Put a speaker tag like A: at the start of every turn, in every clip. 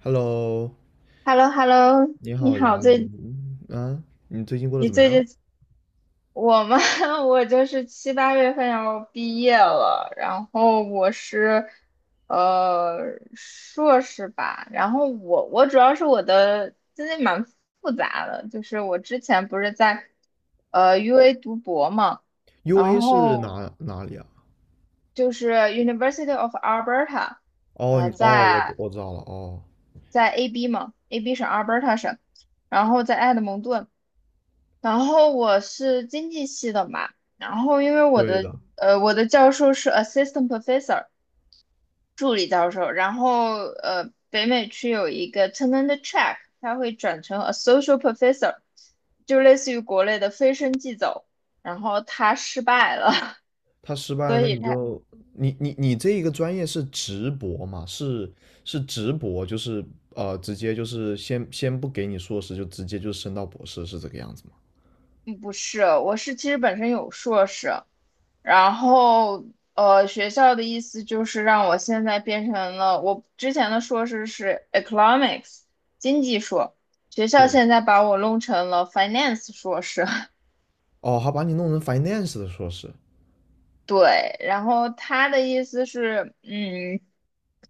A: Hello，
B: h e l l o h e l l o
A: 你
B: 你
A: 好呀，
B: 好，最
A: 嗯，啊你最近过得
B: 你
A: 怎么
B: 最
A: 样
B: 近我嘛，我就是七八月份要毕业了，然后我是硕士吧。然后我主要是我的经历蛮复杂的。就是我之前不是在UA 读博嘛，然
A: ？UA 是
B: 后
A: 哪里啊？
B: 就是 University of Alberta，
A: 哦，你哦，
B: 在
A: 我知道了，哦，
B: AB 嘛，AB 省 Alberta 省，然后在埃德蒙顿。然后我是经济系的嘛。然后因为我
A: 对
B: 的
A: 的。
B: 教授是 assistant professor 助理教授。然后北美区有一个 tenure track，他会转成 associate professor，就类似于国内的飞升即走，然后他失败了。
A: 他失 败了，
B: 所
A: 那
B: 以
A: 你
B: 他
A: 就你你你这一个专业是直博嘛？是是直博，就是直接就是先不给你硕士，就直接就升到博士，是这个样子吗？
B: 嗯不是，我是其实本身有硕士。然后学校的意思就是让我现在变成了，我之前的硕士是 economics 经济硕，学校
A: 对。
B: 现在把我弄成了 finance 硕士。
A: 哦，还把你弄成 finance 的硕士。
B: 对，然后他的意思是，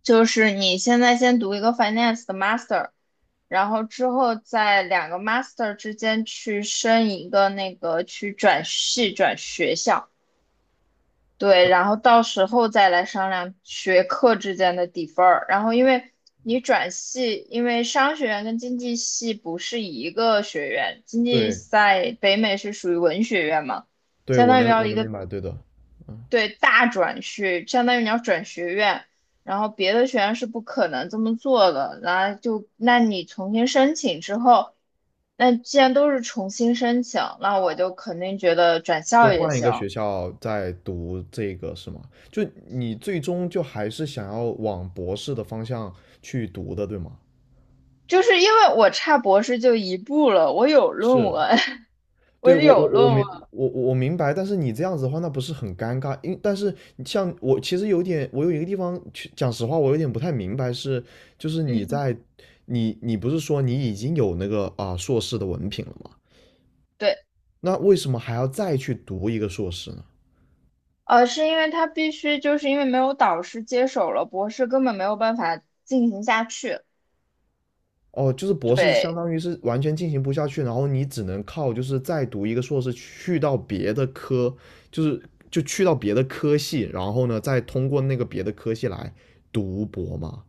B: 就是你现在先读一个 finance 的 master，然后之后在两个 master 之间去升一个那个去转系转学校。对，然后到时候再来商量学科之间的底分儿。然后，因为你转系，因为商学院跟经济系不是一个学院，经济
A: 对。
B: 在北美是属于文学院嘛，
A: 对，
B: 相
A: 我
B: 当于
A: 能
B: 要
A: 我
B: 一
A: 能
B: 个
A: 明白，对的，嗯。
B: 对大转学，相当于你要转学院。然后别的学院是不可能这么做的。然后就，那你重新申请之后，那既然都是重新申请，那我就肯定觉得转
A: 就
B: 校也
A: 换一个
B: 行。
A: 学校再读这个是吗？就你最终就还是想要往博士的方向去读的，对吗？
B: 就是因为我差博士就一步了，我有论
A: 是，
B: 文。我
A: 对，我
B: 有
A: 我我
B: 论文，
A: 明我我明白，但是你这样子的话，那不是很尴尬？但是像我其实有点，我有一个地方，去讲实话，我有点不太明白是，就是你
B: 嗯，
A: 在你你不是说你已经有那个啊、硕士的文凭了吗？
B: 对。
A: 那为什么还要再去读一个硕士呢？
B: 是因为他必须，就是因为没有导师接手了，博士根本没有办法进行下去。
A: 哦，就是博士相
B: 对
A: 当于是完全进行不下去，然后你只能靠就是再读一个硕士去到别的科，就是就去到别的科系，然后呢再通过那个别的科系来读博嘛。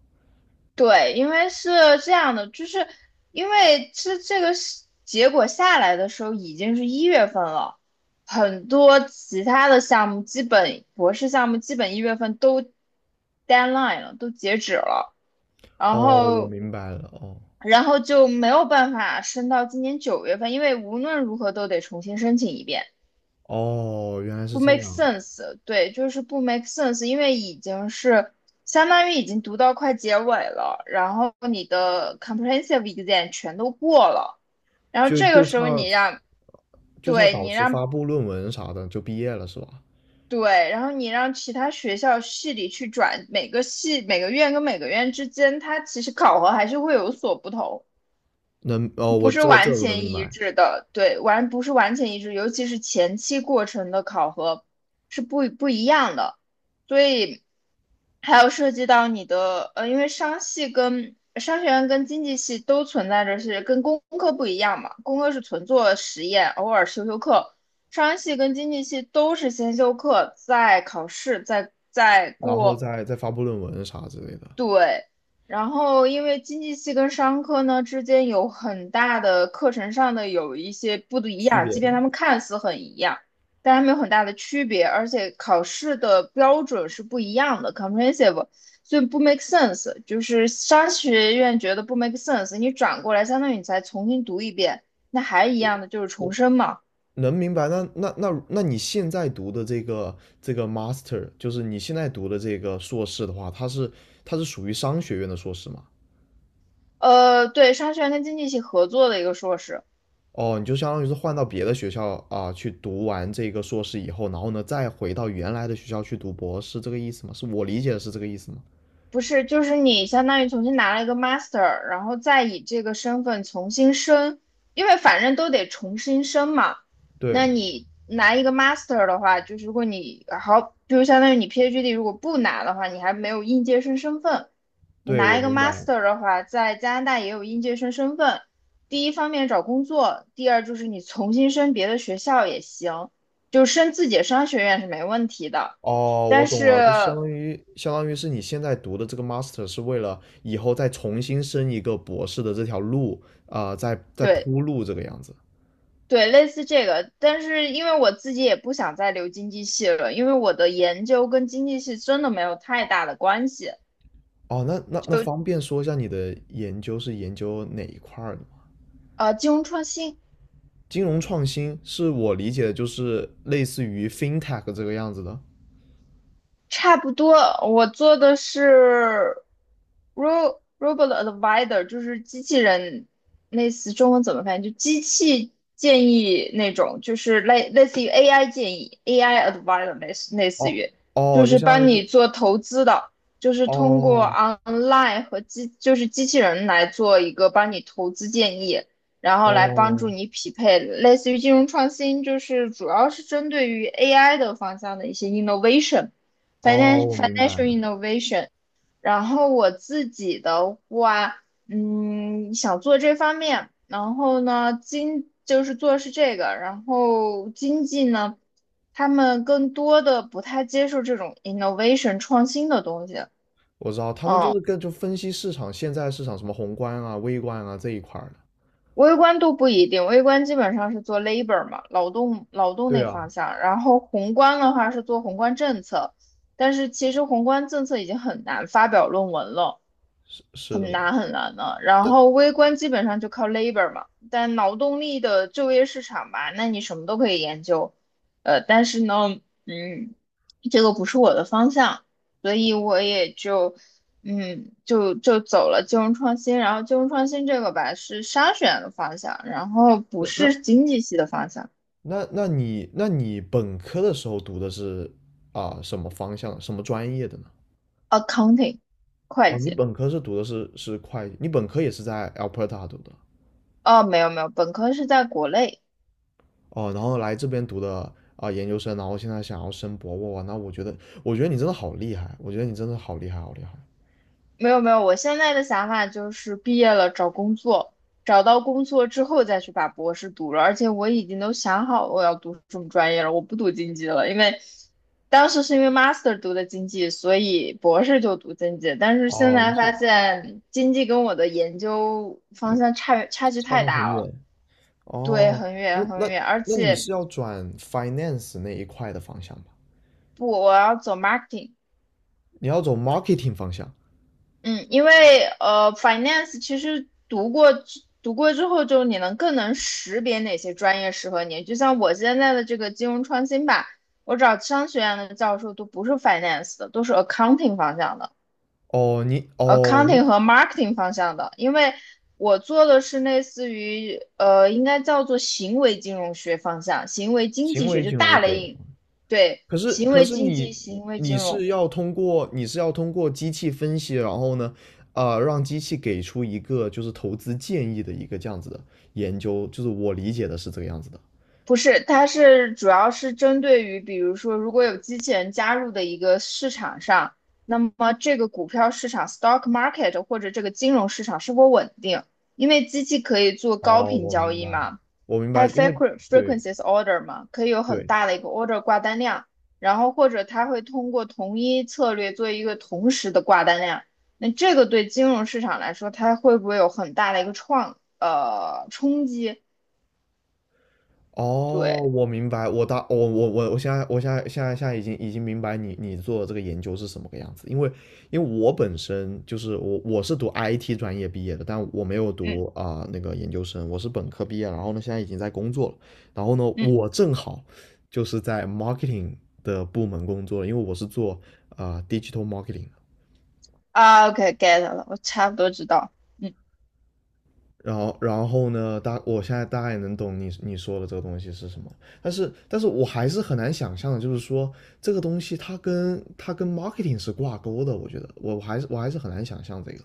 B: 对，因为是这样的。就是因为这个是结果下来的时候已经是一月份了，很多其他的项目基本博士项目基本一月份都 deadline 了，都截止了。然
A: 哦，我
B: 后
A: 明白了。哦
B: 就没有办法升到今年九月份，因为无论如何都得重新申请一遍，
A: 哦原来是
B: 不
A: 这
B: make
A: 样，
B: sense。对，就是不 make sense，因为已经是相当于已经读到快结尾了，然后你的 comprehensive exam 全都过了。然后
A: 就
B: 这个
A: 就
B: 时候
A: 差
B: 你让，
A: 就差
B: 对
A: 导
B: 你
A: 师发
B: 让
A: 布论文啥的就毕业了是吧？
B: 对，然后你让其他学校系里去转。每个系每个院跟每个院之间，它其实考核还是会有所不同。
A: 哦，
B: 不
A: 我
B: 是
A: 这个这
B: 完
A: 个我能
B: 全
A: 明
B: 一
A: 白。
B: 致的，对，不是完全一致，尤其是前期过程的考核是不一样的。所以还有涉及到你的，因为商学院跟经济系都存在着是跟工科不一样嘛，工科是纯做实验，偶尔修修课。商系跟经济系都是先修课，再考试，再
A: 然后
B: 过，
A: 再发布论文啥之类的
B: 对。然后因为经济系跟商科呢之间有很大的课程上的有一些不一
A: 区
B: 样，
A: 别。
B: 即便他们看似很一样，但他们有很大的区别，而且考试的标准是不一样的，comprehensive，所以不 make sense。就是商学院觉得不 make sense，你转过来相当于你再重新读一遍，那还一样的就是重
A: 我
B: 申嘛。
A: 能明白，那你现在读的这个 master,就是你现在读的这个硕士的话，它是属于商学院的硕士吗？
B: 对，商学院跟经济系合作的一个硕士。
A: 哦，你就相当于是换到别的学校啊，去读完这个硕士以后，然后呢再回到原来的学校去读博士，这个意思吗？是我理解的是这个意思吗？
B: 不是，就是你相当于重新拿了一个 master，然后再以这个身份重新申，因为反正都得重新申嘛。那
A: 对，
B: 你拿一个 master 的话，就是如果你好，就是相当于你 PhD 如果不拿的话，你还没有应届生身份。你
A: 对，我
B: 拿一个
A: 明白。
B: master 的话，在加拿大也有应届生身份。第一方面找工作，第二就是你重新申别的学校也行，就申自己的商学院是没问题的。
A: 哦，我
B: 但
A: 懂了，
B: 是，
A: 就相当于是你现在读的这个 master 是为了以后再重新升一个博士的这条路啊，在在
B: 对，
A: 铺路这个样子。
B: 对，类似这个。但是因为我自己也不想再留经济系了，因为我的研究跟经济系真的没有太大的关系。
A: 哦，那
B: 就
A: 方便说一下你的研究是研究哪一块儿的吗？
B: 金融创新，
A: 金融创新是我理解的，就是类似于 fintech 这个样子的。
B: 差不多。我做的是 robot advisor，就是机器人，类似中文怎么翻译？就机器建议那种，就是类似于 AI 建议，AI advisor 类似
A: 哦，
B: 于，
A: 哦，
B: 就
A: 就
B: 是
A: 相当
B: 帮
A: 于
B: 你
A: 是。
B: 做投资的，就是通过
A: 哦，
B: online 和就是机器人来做一个帮你投资建议，然后来帮助
A: 哦，
B: 你匹配，类似于金融创新，就是主要是针对于 AI 的方向的一些 innovation。
A: 哦，我明白
B: Financial
A: 了，
B: innovation。然后我自己的话，想做这方面，然后呢，就是做的是这个。然后经济呢，他们更多的不太接受这种 innovation 创新的东西。
A: 我知道他们就是跟就分析市场现在市场什么宏观啊、微观啊这一块儿的。
B: 微观都不一定，微观基本上是做 labor 嘛，劳动
A: 对
B: 那
A: 啊，
B: 方向，然后宏观的话是做宏观政策，但是其实宏观政策已经很难发表论文了。
A: 是是的
B: 很
A: 吧？
B: 难很难的。然
A: 但
B: 后微观基本上就靠 labor 嘛，但劳动力的就业市场吧，那你什么都可以研究。但是呢，嗯，这个不是我的方向，所以我也就，就走了金融创新。然后金融创新这个吧是商学院的方向，然后不是经济系的方向
A: 那那你那你本科的时候读的是啊什么方向、什么专业的呢？
B: ，accounting 会
A: 哦，你
B: 计。
A: 本科是读的是会计，你本科也是在 Alberta 读的。
B: 哦，没有没有，本科是在国内。
A: 哦，然后来这边读的啊、研究生，然后现在想要升博哇。那我觉得我觉得你真的好厉害，我觉得你真的好厉害，好厉害。
B: 没有没有，我现在的想法就是毕业了找工作，找到工作之后再去把博士读了。而且我已经都想好我要读什么专业了，我不读经济了，因为当时是因为 master 读的经济，所以博士就读经济。但是现
A: 哦，你
B: 在
A: 是
B: 发现经济跟我的研究方向差距
A: 差
B: 太
A: 的很
B: 大了。
A: 远。
B: 对，
A: 哦，
B: 很
A: 那
B: 远很
A: 那
B: 远。而
A: 那你
B: 且
A: 是要转 finance 那一块的方向吧？
B: 不，我要走 marketing。
A: 你要走 marketing 方向？
B: 嗯，因为finance 其实读过之后，就你能更能识别哪些专业适合你。就像我现在的这个金融创新吧，我找商学院的教授都不是 finance 的，都是 accounting 方向的
A: 哦，你
B: ，accounting 和 marketing 方向的。因为我做的是类似于应该叫做行为金融学方向，行为经
A: 行
B: 济学
A: 为
B: 就
A: 金融
B: 大
A: 学。
B: 类，对，
A: 可是，
B: 行
A: 可
B: 为
A: 是
B: 经济、
A: 你
B: 行为
A: 你
B: 金融。
A: 是要通过机器分析，然后呢，啊，让机器给出一个就是投资建议的一个这样子的研究，就是我理解的是这个样子的。
B: 不是，它是主要是针对于，比如说，如果有机器人加入的一个市场上，那么这个股票市场（ （stock market） 或者这个金融市场是否稳定？因为机器可以做高
A: 哦，
B: 频
A: 我
B: 交
A: 明
B: 易
A: 白。
B: 嘛，
A: 我明
B: 还
A: 白，
B: 有
A: 因为 对。
B: frequencies order 嘛，可以有很
A: 对，
B: 大的一个 order 挂单量，然后或者它会通过同一策略做一个同时的挂单量。那这个对金融市场来说，它会不会有很大的一个冲击？
A: 哦，
B: 对，
A: 我明白。我大我我我我现在我现在现在现在已经已经明白你做的这个研究是什么个样子，因为我本身就是我是读 IT 专业毕业的，但我没有
B: 嗯
A: 读啊、那个研究生，我是本科毕业，然后呢现在已经在工作了，然后呢
B: 嗯。
A: 我正好就是在 marketing 的部门工作，因为我是做啊、digital marketing。
B: 啊，OK，get 了，我差不多知道。嗯，
A: 然后，然后呢？我现在大概也能懂你说的这个东西是什么，但是，但是我还是很难想象的，就是说这个东西它跟 marketing 是挂钩的，我觉得，我还是很难想象这个。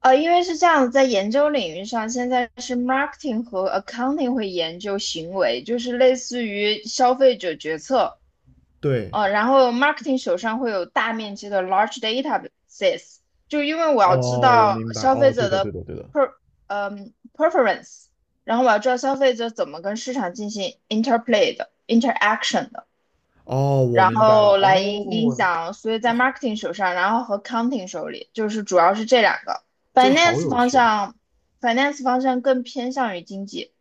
B: 因为是这样，在研究领域上，现在是 marketing 和 accounting 会研究行为，就是类似于消费者决策。
A: 对，
B: 然后 marketing 手上会有大面积的 large databases，就因为我要知
A: 哦，我
B: 道
A: 明白，
B: 消费
A: 哦，对
B: 者
A: 的，
B: 的
A: 对的，对的，
B: per preference，然后我要知道消费者怎么跟市场进行 interplay 的 interaction 的。
A: 哦，我
B: 然
A: 明白了，
B: 后来影
A: 哦，
B: 响，所以在 marketing 手上，然后和 counting 手里，就是主要是这两个。
A: 这个好
B: finance
A: 有
B: 方
A: 趣啊。
B: 向，finance 方向更偏向于经济，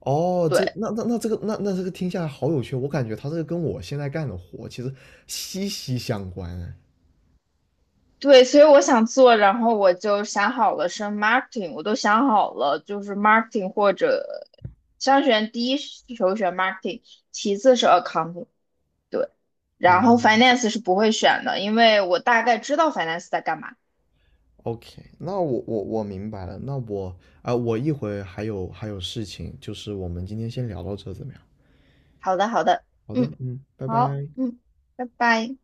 A: 哦，
B: 对
A: 这那那那这个那那这个听下来好有趣，我感觉它这个跟我现在干的活其实息息相关哎。
B: 对，所以我想做，然后我就想好了是 marketing，我都想好了，就是 marketing 或者商选第一首选 marketing，其次是 accounting，对，然后
A: 哦，
B: finance 是不会选的，因为我大概知道 finance 在干嘛。
A: OK,那我明白了。那我啊、我一会还有还有事情，就是我们今天先聊到这怎么样？
B: 好的，好的，
A: 好的，
B: 嗯，
A: 嗯，拜
B: 好，
A: 拜。
B: 嗯，拜拜。